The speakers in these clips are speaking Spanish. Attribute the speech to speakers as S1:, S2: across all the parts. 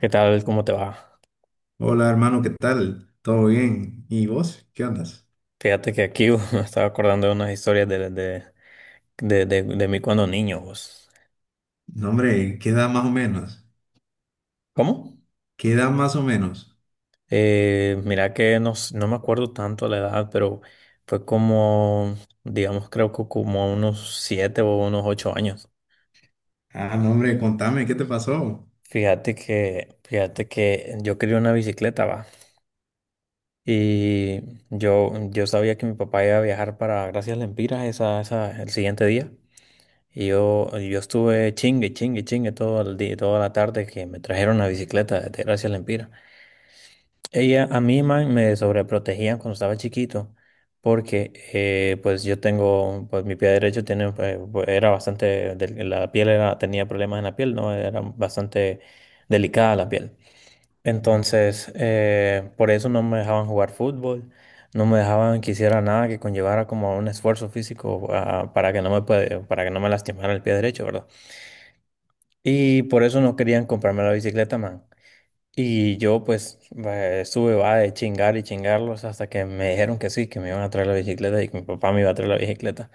S1: ¿Qué tal? ¿Cómo te va?
S2: Hola hermano, ¿qué tal? ¿Todo bien? ¿Y vos? ¿Qué andas?
S1: Fíjate que aquí me estaba acordando de unas historias de mí cuando niño, vos.
S2: No, hombre, ¿qué edad más o menos?
S1: ¿Cómo?
S2: ¿Qué edad más o menos?
S1: Mira que no, no me acuerdo tanto la edad, pero fue como, digamos, creo que como unos 7 o unos 8 años.
S2: Ah, no, hombre, contame, ¿qué te pasó?
S1: Fíjate que yo quería una bicicleta, va. Y yo sabía que mi papá iba a viajar para Gracias Lempiras el siguiente día. Y yo estuve chingue, chingue, chingue todo el día, toda la tarde que me trajeron la bicicleta de Gracia Lempira. Ella, a mí, man, me sobreprotegían cuando estaba chiquito, porque pues yo tengo, pues mi pie derecho tiene, pues, era bastante, la piel era, tenía problemas en la piel, ¿no? Era bastante delicada la piel.
S2: Ujú.
S1: Entonces, por eso no me dejaban jugar fútbol, no me dejaban que hiciera nada que conllevara como un esfuerzo físico ah, para que no me, puede- para que no me lastimara el pie derecho, ¿verdad? Y por eso no querían comprarme la bicicleta, man. Y yo pues estuve va de chingar y chingarlos hasta que me dijeron que sí, que me iban a traer la bicicleta y que mi papá me iba a traer la bicicleta.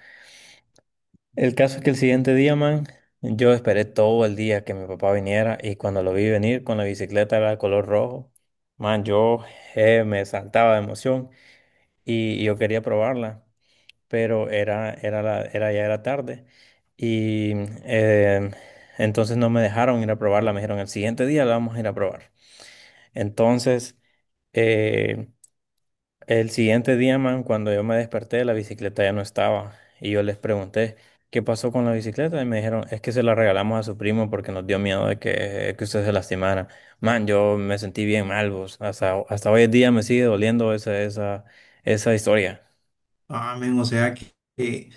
S1: El caso es que el siguiente día, man, yo esperé todo el día que mi papá viniera y cuando lo vi venir con la bicicleta era de color rojo, man, yo me saltaba de emoción y yo quería probarla, pero era, era, la- era ya era tarde. Y eh, entonces no me dejaron ir a probarla, me dijeron, el siguiente día la vamos a ir a probar. Entonces, eh, el siguiente día, man, cuando yo me desperté, la bicicleta ya no estaba. Y yo les pregunté, ¿qué pasó con la bicicleta? Y me dijeron, es que se la regalamos a su primo porque nos dio miedo de que usted se lastimara. Man, yo me sentí bien mal, vos. Hasta hoy en día me sigue doliendo esa historia.
S2: Ah, men, o sea que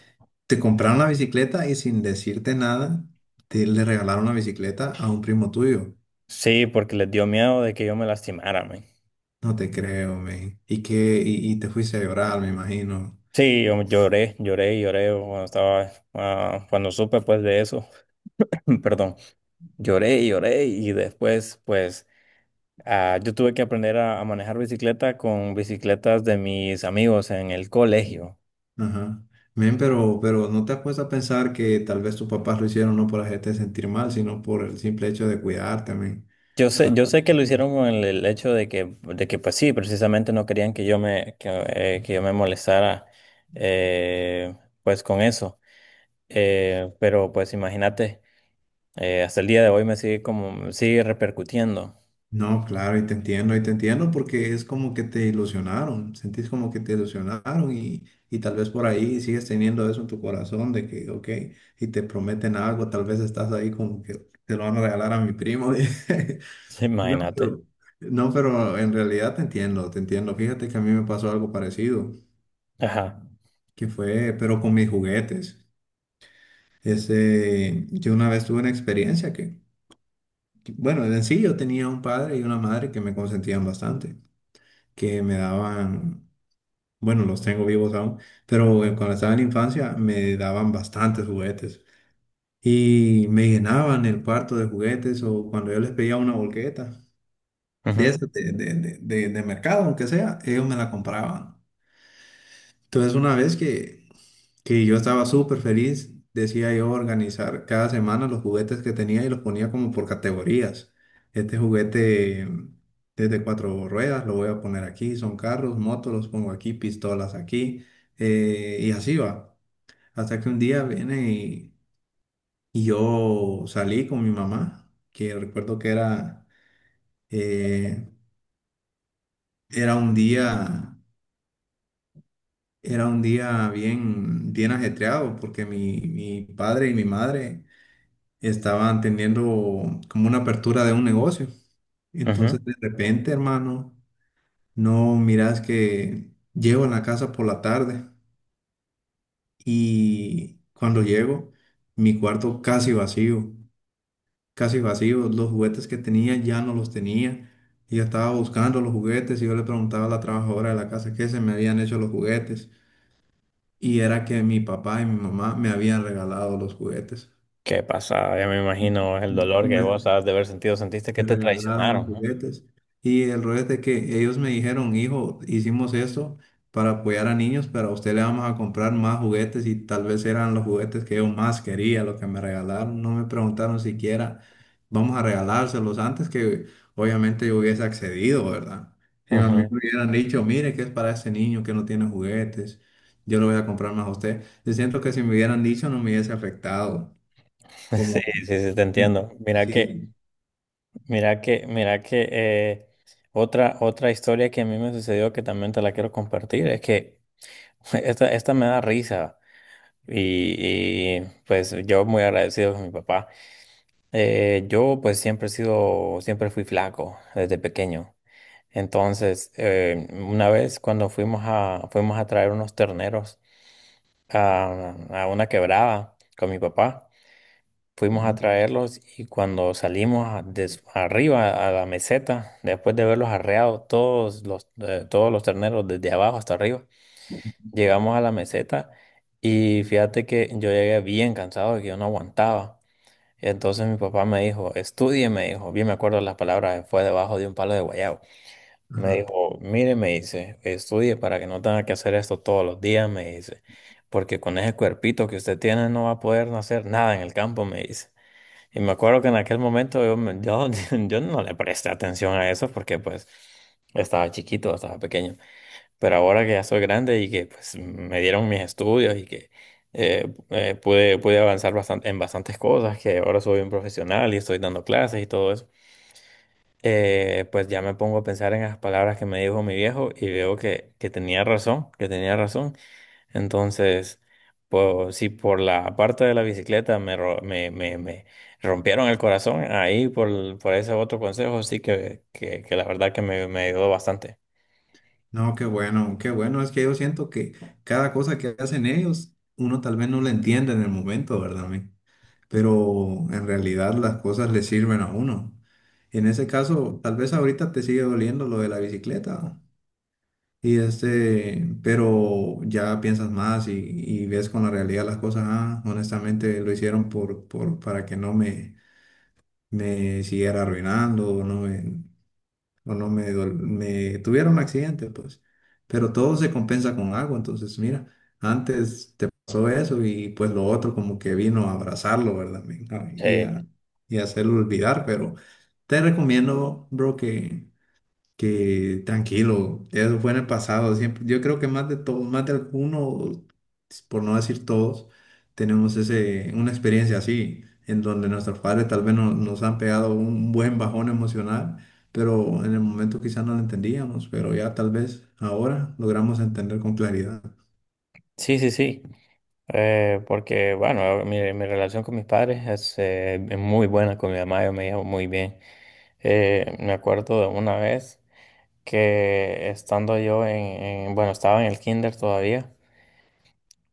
S2: te compraron la bicicleta y sin decirte nada, te le regalaron la bicicleta a un primo tuyo.
S1: Sí, porque les dio miedo de que yo me lastimara, man.
S2: No te creo, men. Y te fuiste a llorar, me imagino.
S1: Sí, yo lloré, lloré, y lloré cuando supe pues de eso, perdón, lloré, y lloré y después pues yo tuve que aprender a manejar bicicleta con bicicletas de mis amigos en el colegio.
S2: Ajá. Men, pero no te has puesto a pensar que tal vez tus papás lo hicieron no por hacerte sentir mal, sino por el simple hecho de cuidarte, men.
S1: Yo sé que lo hicieron con el hecho de que pues sí, precisamente no querían que yo me molestara eh, pues con eso. Pero pues imagínate. Hasta el día de hoy me sigue como, sigue repercutiendo.
S2: No, claro, y te entiendo porque es como que te ilusionaron, sentís como que te ilusionaron y tal vez por ahí sigues teniendo eso en tu corazón de que, ok, y te prometen algo, tal vez estás ahí como que te lo van a regalar a mi primo. No,
S1: Imagínate.
S2: pero, no, pero en realidad te entiendo, te entiendo. Fíjate que a mí me pasó algo parecido,
S1: Ajá.
S2: que fue, pero con mis juguetes. Ese, yo una vez tuve una experiencia que, bueno, en sí yo tenía un padre y una madre que me consentían bastante. Que me daban, bueno, los tengo vivos aún, pero cuando estaba en la infancia me daban bastantes juguetes y me llenaban el cuarto de juguetes o cuando yo les pedía una bolqueta de,
S1: Ujú,
S2: esas de mercado, aunque sea, ellos me la compraban. Entonces, una vez que yo estaba súper feliz, decía yo organizar cada semana los juguetes que tenía y los ponía como por categorías. Este juguete desde cuatro ruedas lo voy a poner aquí, son carros, motos, los pongo aquí, pistolas aquí, y así va. Hasta que un día viene y yo salí con mi mamá, que recuerdo que era, eh, era un día. Era un día bien, bien ajetreado porque mi padre y mi madre estaban teniendo como una apertura de un negocio.
S1: ujú.
S2: Entonces, de repente, hermano, no miras que llego a la casa por la tarde y cuando llego, mi cuarto casi vacío, casi vacío. Los juguetes que tenía ya no los tenía. Ella estaba buscando los juguetes y yo le preguntaba a la trabajadora de la casa qué se me habían hecho los juguetes. Y era que mi papá y mi mamá me habían regalado los juguetes.
S1: ¿Qué pasa? Ya me imagino el dolor
S2: Y
S1: que vos
S2: me
S1: has de haber sentido, sentiste que
S2: me
S1: te
S2: regalaron los
S1: traicionaron, ¿no?
S2: juguetes. Y el rollo es de que ellos me dijeron, hijo, hicimos esto para apoyar a niños, pero a usted le vamos a comprar más juguetes y tal vez eran los juguetes que yo más quería, los que me regalaron. No me preguntaron siquiera, vamos a regalárselos antes que obviamente yo hubiese accedido, ¿verdad? Si a mí
S1: Ujú.
S2: me hubieran dicho, mire, que es para ese niño que no tiene juguetes, yo lo voy a comprar más a usted. Yo siento que si me hubieran dicho no me hubiese afectado.
S1: Sí,
S2: Como,
S1: sí, sí, te entiendo. Mira que,
S2: sí.
S1: mira que, mira que otra historia que a mí me sucedió que también te la quiero compartir es que esta me da risa y, y, pues yo muy agradecido con mi papá. Yo pues siempre he sido, siempre fui flaco desde pequeño. Entonces, una vez cuando fuimos a traer unos terneros a una quebrada con mi papá, fuimos a
S2: ¿No?
S1: traerlos y cuando salimos arriba a la meseta, después de verlos arreado todos los terneros desde abajo hasta arriba, llegamos a la meseta y fíjate que yo llegué bien cansado, que yo no aguantaba. Entonces mi papá me dijo, estudie, me dijo, bien me acuerdo las palabras, fue debajo de un palo de guayabo. Me
S2: Ajá.
S1: dijo, mire, me dice, estudie para que no tenga que hacer esto todos los días, me dice, porque con ese cuerpito que usted tiene no va a poder hacer nada en el campo, me dice. Y me acuerdo que en aquel momento yo no le presté atención a eso porque pues estaba chiquito, estaba pequeño. Pero ahora que ya soy grande y que pues me dieron mis estudios y que pude avanzar en bastantes cosas, que ahora soy un profesional y estoy dando clases y todo eso, pues ya me pongo a pensar en las palabras que me dijo mi viejo y veo que tenía razón, que tenía razón. Entonces, pues si por la parte de la bicicleta me, ro- me rompieron el corazón, ahí por ese otro consejo sí que la verdad que me ayudó bastante.
S2: No, qué bueno, qué bueno. Es que yo siento que cada cosa que hacen ellos, uno tal vez no la entiende en el momento, ¿verdad, men? Pero en realidad las cosas le sirven a uno. En ese caso, tal vez ahorita te sigue doliendo lo de la bicicleta. Y este, pero ya piensas más y ves con la realidad las cosas. Ah, honestamente lo hicieron por, para que no me, me siguiera arruinando, no me, o no me, dol- me tuvieron un accidente, pues. Pero todo se compensa con algo, entonces mira, antes te pasó eso y pues lo otro como que vino a abrazarlo, ¿verdad, men? Ah, y
S1: Sí,
S2: a, y a hacerlo olvidar, pero te recomiendo, bro, que tranquilo, eso fue en el pasado. Siempre, yo creo que más de todo, más de alguno, por no decir todos, tenemos ese, una experiencia así, en donde nuestros padres tal vez no- nos han pegado un buen bajón emocional, pero en el momento quizás no lo entendíamos, pero ya tal vez ahora logramos entender con claridad.
S1: sí, sí, sí. Porque, bueno, mi relación con mis padres es muy buena, con mi mamá yo me llevo muy bien. Me acuerdo de una vez que estando yo en- bueno, estaba en el kinder todavía,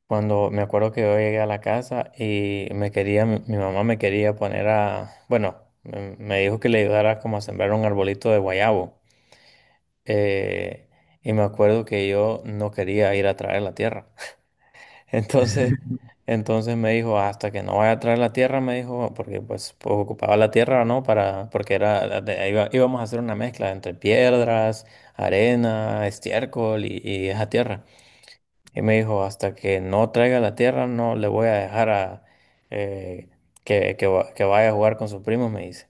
S1: cuando me acuerdo que yo llegué a la casa y mi mamá me quería poner me dijo que le ayudara como a sembrar un arbolito de guayabo. Eh, y me acuerdo que yo no quería ir a traer la tierra. Entonces. Entonces me dijo, hasta que no vaya a traer la tierra, me dijo, porque pues, ocupaba la tierra, ¿no? Para, porque era, de- iba- íbamos a hacer una mezcla entre piedras, arena, estiércol y esa tierra. Y me dijo, hasta que no traiga la tierra, no le voy a dejar a, eh, que, va- que vaya a jugar con sus primos, me dice.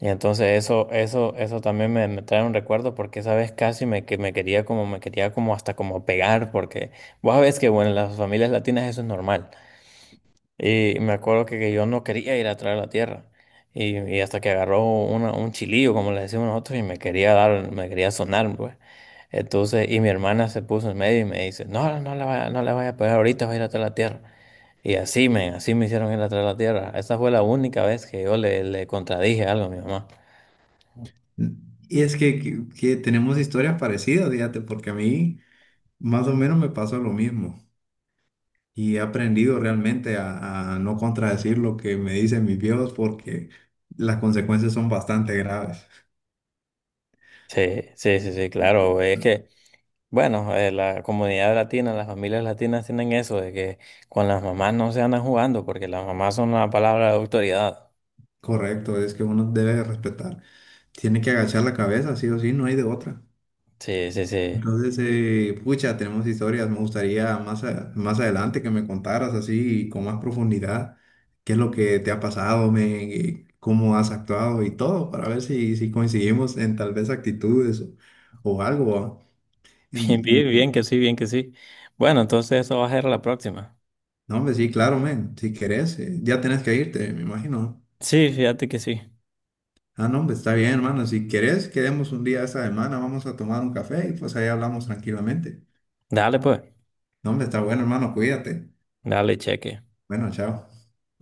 S1: Y entonces eso también me trae un recuerdo porque esa vez casi me, que me quería como hasta como pegar, porque vos sabés que bueno, en las familias latinas eso es normal. Y me acuerdo que yo no quería ir atrás de la tierra. Y hasta que agarró un chilillo, como le decimos nosotros, y me quería dar, me quería sonar, pues. Entonces, y mi hermana se puso en medio y me dice, no, no le vaya, no le vaya a pegar, ahorita va a ir atrás de la tierra. Y así me hicieron ir atrás de la tierra. Esa fue la única vez que yo le contradije algo a mi mamá.
S2: Y es que tenemos historias parecidas, fíjate, porque a mí más o menos me pasó lo mismo. Y he aprendido realmente a no contradecir lo que me dicen mis viejos porque las consecuencias son bastante graves.
S1: Sí, sí, sí, sí, claro, güey. Es que, bueno, la comunidad latina, las familias latinas tienen eso de que con las mamás no se andan jugando porque las mamás son la palabra de autoridad.
S2: Correcto, es que uno debe respetar. Tiene que agachar la cabeza, sí o sí, no hay de otra.
S1: Sí, sí, sí.
S2: Entonces, pucha, tenemos historias. Me gustaría más, a- más adelante que me contaras así con más profundidad qué es lo que te ha pasado, men, y cómo has actuado y todo, para ver si, si coincidimos en tal vez actitudes o algo. ¿Va?
S1: Bien, bien,
S2: En-
S1: bien que sí, bien que sí. Bueno, entonces eso va a ser la próxima.
S2: No, hombre, sí, claro, men. Si querés, ya tenés que irte, me imagino.
S1: Sí, fíjate que sí.
S2: Ah, no, hombre, está bien, hermano. Si querés, quedemos un día esta semana, vamos a tomar un café y pues ahí hablamos tranquilamente.
S1: Dale pues,
S2: No, hombre, está bueno, hermano, cuídate.
S1: dale cheque.
S2: Bueno, chao.